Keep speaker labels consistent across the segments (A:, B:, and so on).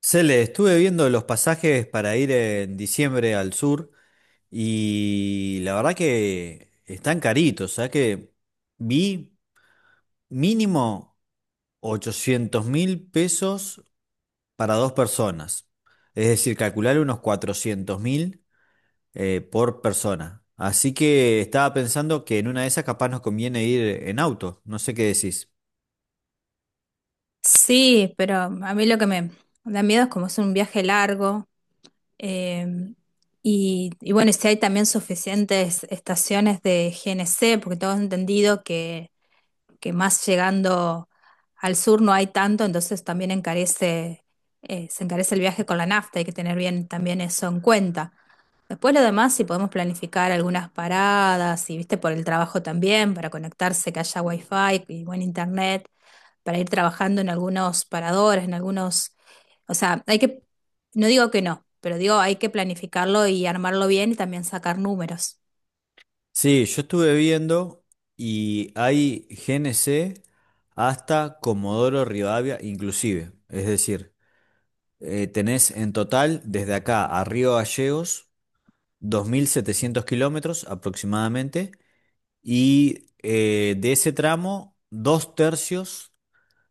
A: Cele, estuve viendo los pasajes para ir en diciembre al sur y la verdad que están caritos, o sea que vi mínimo 800 mil pesos para dos personas, es decir, calcular unos 400 mil por persona. Así que estaba pensando que en una de esas capaz nos conviene ir en auto, no sé qué decís.
B: Sí, pero a mí lo que me da miedo es como es un viaje largo, eh, y bueno, y si hay también suficientes estaciones de GNC, porque tengo entendido que más llegando al sur no hay tanto, entonces también se encarece el viaje con la nafta, hay que tener bien también eso en cuenta. Después lo demás, si podemos planificar algunas paradas, y viste por el trabajo también, para conectarse, que haya wifi y buen internet, para ir trabajando en algunos paradores, en algunos, o sea, hay que, no digo que no, pero digo hay que planificarlo y armarlo bien y también sacar números.
A: Sí, yo estuve viendo y hay GNC hasta Comodoro Rivadavia inclusive. Es decir, tenés en total desde acá a Río Gallegos 2700 kilómetros aproximadamente y de ese tramo dos tercios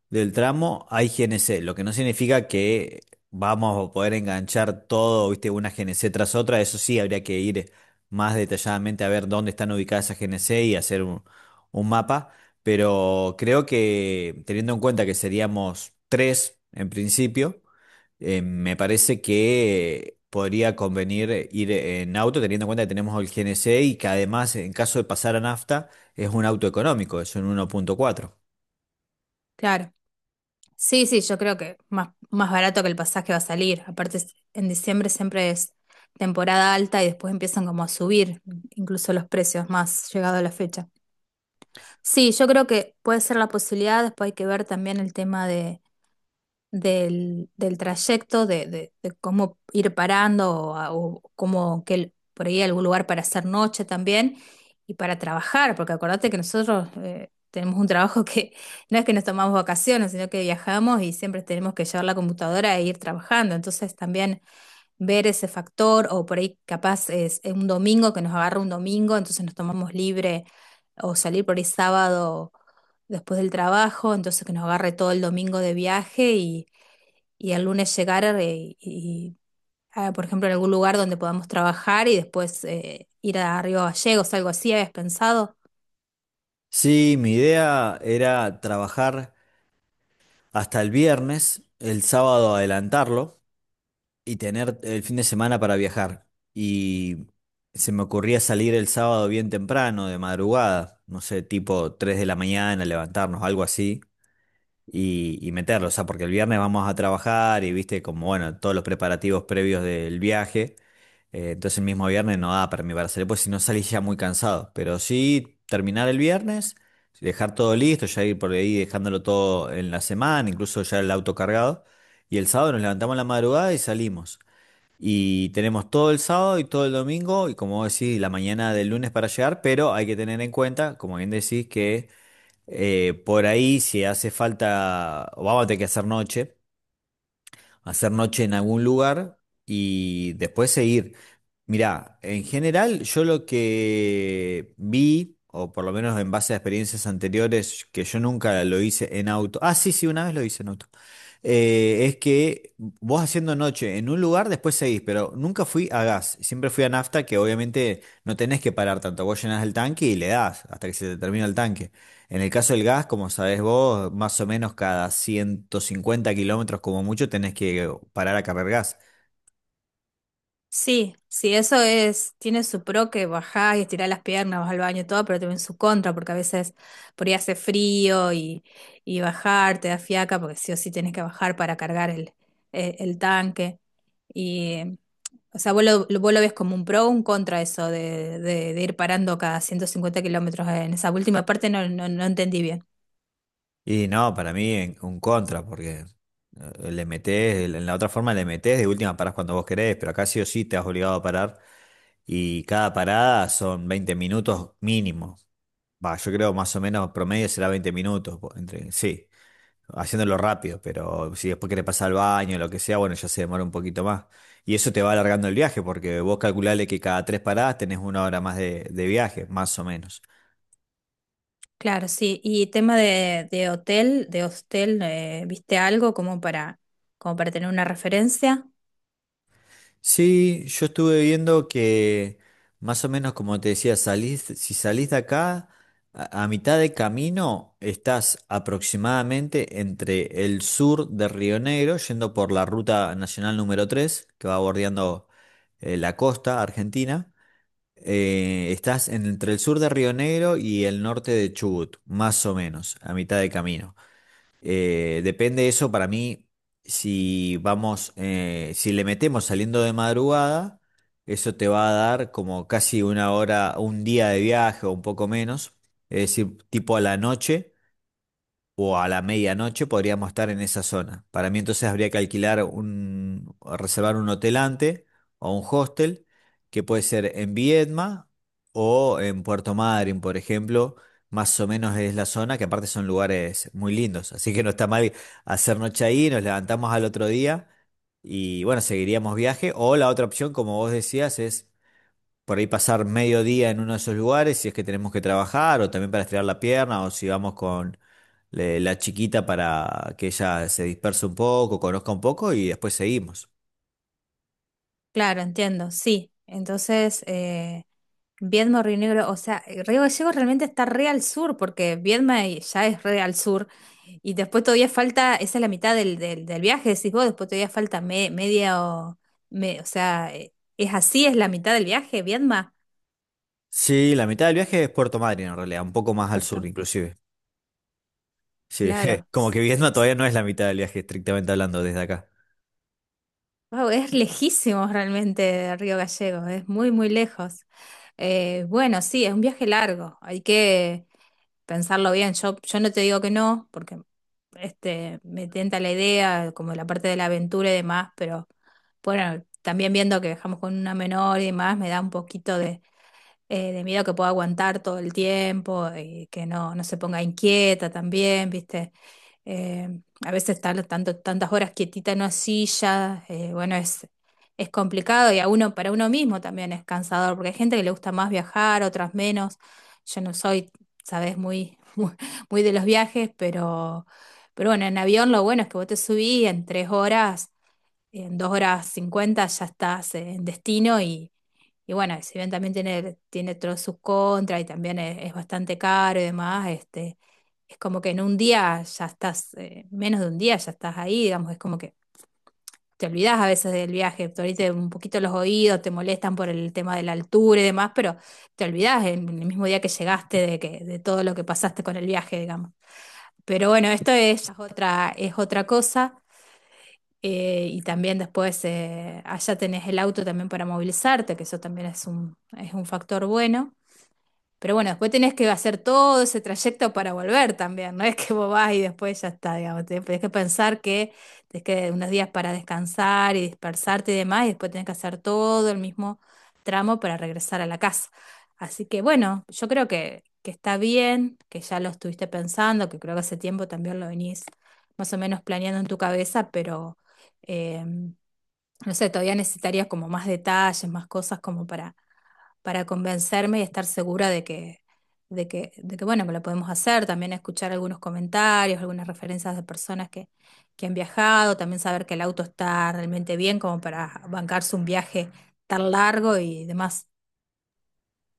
A: del tramo hay GNC, lo que no significa que vamos a poder enganchar todo, viste, una GNC tras otra. Eso sí, habría que ir más detalladamente a ver dónde están ubicadas esas GNC y hacer un mapa. Pero creo que teniendo en cuenta que seríamos tres en principio, me parece que podría convenir ir en auto, teniendo en cuenta que tenemos el GNC y que además, en caso de pasar a nafta, es un auto económico, es un 1.4.
B: Claro. Sí, sí, yo creo que más barato que el pasaje va a salir. Aparte, en diciembre siempre es temporada alta y después empiezan como a subir incluso los precios más llegado a la fecha. Sí, yo creo que puede ser la posibilidad, después hay que ver también el tema de del trayecto, de cómo ir parando o, o cómo por ahí algún lugar para hacer noche también y para trabajar, porque acordate que nosotros tenemos un trabajo que no es que nos tomamos vacaciones, sino que viajamos y siempre tenemos que llevar la computadora e ir trabajando. Entonces también ver ese factor o por ahí capaz es un domingo que nos agarra un domingo, entonces nos tomamos libre o salir por ahí sábado después del trabajo, entonces que nos agarre todo el domingo de viaje y el lunes llegar, y, ah, por ejemplo, en algún lugar donde podamos trabajar y después ir a Río Gallegos, algo así, ¿habías pensado?
A: Sí, mi idea era trabajar hasta el viernes, el sábado adelantarlo y tener el fin de semana para viajar. Y se me ocurría salir el sábado bien temprano, de madrugada, no sé, tipo 3 de la mañana, levantarnos, algo así y meterlo, o sea, porque el viernes vamos a trabajar y viste como, bueno, todos los preparativos previos del viaje, entonces el mismo viernes no da para mí para salir, pues si no salís ya muy cansado, pero sí terminar el viernes, dejar todo listo, ya ir por ahí dejándolo todo en la semana, incluso ya el auto cargado, y el sábado nos levantamos a la madrugada y salimos. Y tenemos todo el sábado y todo el domingo, y como vos decís, la mañana del lunes para llegar, pero hay que tener en cuenta, como bien decís, que por ahí, si hace falta, o vamos a tener que hacer noche en algún lugar y después seguir. Mirá, en general, yo lo que vi, o por lo menos en base a experiencias anteriores, que yo nunca lo hice en auto. Ah, sí, sí, una vez lo hice en auto es que vos haciendo noche en un lugar, después seguís, pero nunca fui a gas, siempre fui a nafta, que obviamente no tenés que parar tanto, vos llenás el tanque y le das hasta que se te termina el tanque. En el caso del gas, como sabés vos, más o menos cada 150 kilómetros como mucho tenés que parar a cargar gas.
B: Sí, sí, eso es, tiene su pro que bajás y estirás las piernas, vas al baño y todo, pero también su contra, porque a veces por ahí hace frío y bajar te da fiaca, porque sí o sí tenés que bajar para cargar el tanque. Y, o sea, vos lo ves como un pro o un contra eso de, de ir parando cada 150 kilómetros. En esa última parte no entendí bien.
A: Y no, para mí un contra, porque le metés, en la otra forma le metés, de última parás cuando vos querés, pero acá sí o sí te has obligado a parar y cada parada son 20 minutos mínimo. Va, yo creo más o menos promedio será 20 minutos, entre, sí, haciéndolo rápido, pero si después querés pasar al baño lo que sea, bueno, ya se demora un poquito más. Y eso te va alargando el viaje, porque vos calculale que cada tres paradas tenés 1 hora más de viaje, más o menos.
B: Claro, sí. Y tema de hotel, de hostel, ¿viste algo como como para tener una referencia?
A: Sí, yo estuve viendo que más o menos como te decía, salís, si salís de acá, a mitad de camino estás aproximadamente entre el sur de Río Negro, yendo por la ruta nacional número 3 que va bordeando la costa argentina. Estás entre el sur de Río Negro y el norte de Chubut, más o menos, a mitad de camino. Depende de eso para mí, si vamos, si le metemos saliendo de madrugada, eso te va a dar como casi una hora, un día de viaje o un poco menos, es decir, tipo a la noche o a la medianoche podríamos estar en esa zona. Para mí entonces habría que alquilar un, reservar un hotel antes o un hostel, que puede ser en Viedma o en Puerto Madryn, por ejemplo. Más o menos es la zona, que aparte son lugares muy lindos. Así que no está mal hacer noche ahí, nos levantamos al otro día y bueno, seguiríamos viaje. O la otra opción, como vos decías, es por ahí pasar medio día en uno de esos lugares, si es que tenemos que trabajar, o también para estirar la pierna, o si vamos con la chiquita para que ella se disperse un poco, conozca un poco y después seguimos.
B: Claro, entiendo, sí. Entonces, Viedma, Río Negro, o sea, Río Gallegos realmente está re al sur, porque Viedma ya es re al sur, y después todavía falta, esa es la mitad del viaje, decís vos, después todavía falta media o, o sea, es así, es la mitad del viaje, Viedma,
A: Sí, la mitad del viaje es Puerto Madryn en realidad, un poco más al sur
B: Puerto,
A: inclusive. Sí,
B: claro.
A: como que Vietnam todavía
B: S-
A: no es la mitad del viaje, estrictamente hablando, desde acá.
B: Wow, es lejísimos realmente de Río Gallegos, es muy, muy lejos. Bueno, sí, es un viaje largo, hay que pensarlo bien. Yo no te digo que no, porque este, me tenta la idea, como la parte de la aventura y demás, pero bueno, también viendo que dejamos con una menor y demás, me da un poquito de miedo que pueda aguantar todo el tiempo y que no, no se ponga inquieta también, ¿viste? Eh, a veces estar tanto, tantas horas quietita en una silla, bueno, es, complicado y a uno, para uno mismo también es cansador, porque hay gente que le gusta más viajar, otras menos. Yo no soy, sabes, muy, muy, muy de los viajes, pero bueno, en avión lo bueno es que vos te subís y en 3 horas, en 2 horas cincuenta ya estás en destino y bueno, si bien también tiene todos sus contras y también es bastante caro y demás, este, es como que en un día ya estás, menos de un día ya estás ahí, digamos, es como que te olvidás a veces del viaje, te ahorita un poquito los oídos, te molestan por el tema de la altura y demás, pero te olvidás en el mismo día que llegaste de que, de todo lo que pasaste con el viaje, digamos. Pero bueno, esto es otra cosa. Y también después allá tenés el auto también para movilizarte, que eso también es un factor bueno. Pero bueno, después tenés que hacer todo ese trayecto para volver también, no, es que vos vas y después ya está, digamos, tenés que pensar que tenés que unos días para descansar y dispersarte y demás, y después tenés que hacer todo el mismo tramo para regresar a la casa. Así que bueno, yo creo que, está bien, que ya lo estuviste pensando, que creo que hace tiempo también lo venís más o menos planeando en tu cabeza, pero eh, no sé, todavía necesitarías como más detalles, más cosas como para convencerme y estar segura de que, bueno, que lo podemos hacer. También escuchar algunos comentarios, algunas referencias de personas que han viajado, también saber que el auto está realmente bien como para bancarse un viaje tan largo y demás.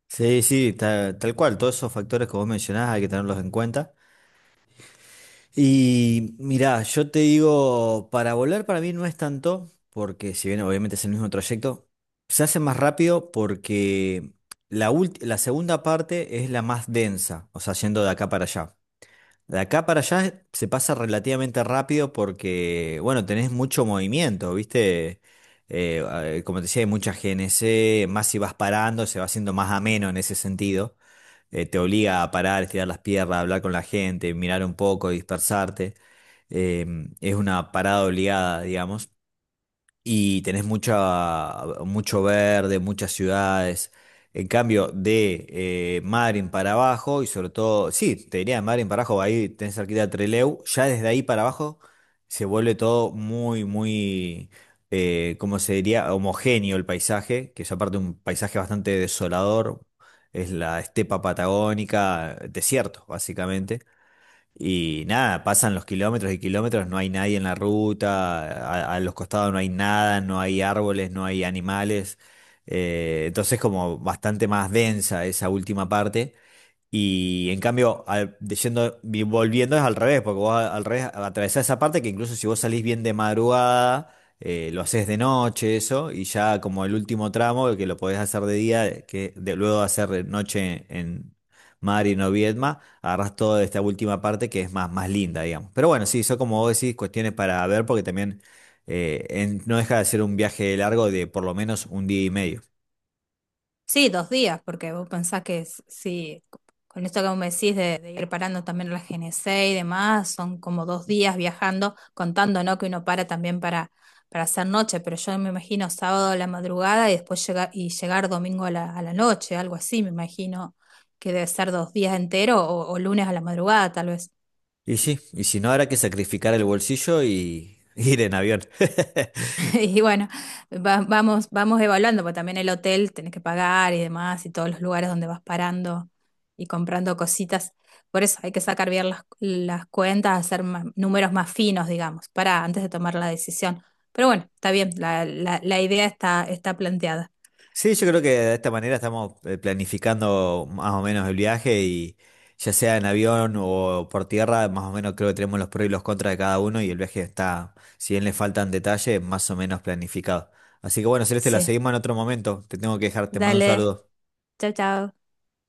A: Sí, sí, tal, cual, todos esos factores que vos mencionás hay que tenerlos en cuenta. Y mirá, yo te digo, para volar para mí no es tanto, porque si bien obviamente es el mismo trayecto, se hace más rápido porque la segunda parte es la más densa, o sea, yendo de acá para allá. De acá para allá se pasa relativamente rápido porque, bueno, tenés mucho movimiento, ¿viste? Eh, como te decía, hay mucha GNC, más si vas parando, se va haciendo más ameno en ese sentido te obliga a parar, estirar las piernas, hablar con la gente, mirar un poco, dispersarte. Eh, es una parada obligada, digamos y tenés mucha, mucho verde, muchas ciudades. En cambio, de Madryn para abajo, y sobre todo, sí, te diría de Madryn para abajo, ahí tenés cerquita de Trelew, ya desde ahí para abajo se vuelve todo muy, muy, ¿cómo se diría? Homogéneo el paisaje, que es aparte un paisaje bastante desolador, es la estepa patagónica, desierto, básicamente. Y nada, pasan los kilómetros y kilómetros, no hay nadie en la ruta, a los costados no hay nada, no hay árboles, no hay animales. Entonces como bastante más densa esa última parte. Y en cambio, yendo, volviendo es al revés, porque vos al revés atravesás esa parte que incluso si vos salís bien de madrugada, lo haces de noche, eso, y ya como el último tramo, que lo podés hacer de día, que de, luego de hacer de noche en Mari o Viedma, agarrás toda esta última parte que es más, más linda, digamos. Pero bueno, sí, son como vos decís, cuestiones para ver, porque también no deja de ser un viaje largo de por lo menos un día y medio.
B: Sí, 2 días, porque vos pensás que sí, con esto que vos me decís de ir parando también la GNC y demás, son como 2 días viajando, contando, ¿no? Que uno para también para hacer noche, pero yo me imagino sábado a la madrugada y después llegar, y llegar domingo a la noche, algo así, me imagino que debe ser 2 días enteros o lunes a la madrugada, tal vez.
A: Y sí, y si no, habrá que sacrificar el bolsillo y ir en avión.
B: Y bueno, vamos evaluando, porque también el hotel tenés que pagar y demás, y todos los lugares donde vas parando y comprando cositas. Por eso hay que sacar bien las cuentas, hacer números más finos, digamos, para antes de tomar la decisión. Pero bueno, está bien, la idea está, planteada.
A: Sí, yo creo que de esta manera estamos planificando más o menos el viaje y ya sea en avión o por tierra, más o menos creo que tenemos los pros y los contras de cada uno y el viaje está, si bien le faltan detalles, más o menos planificado. Así que bueno, Celeste, la
B: Sí,
A: seguimos en otro momento. Te tengo que dejar, te mando un
B: dale,
A: saludo.
B: chao, chao.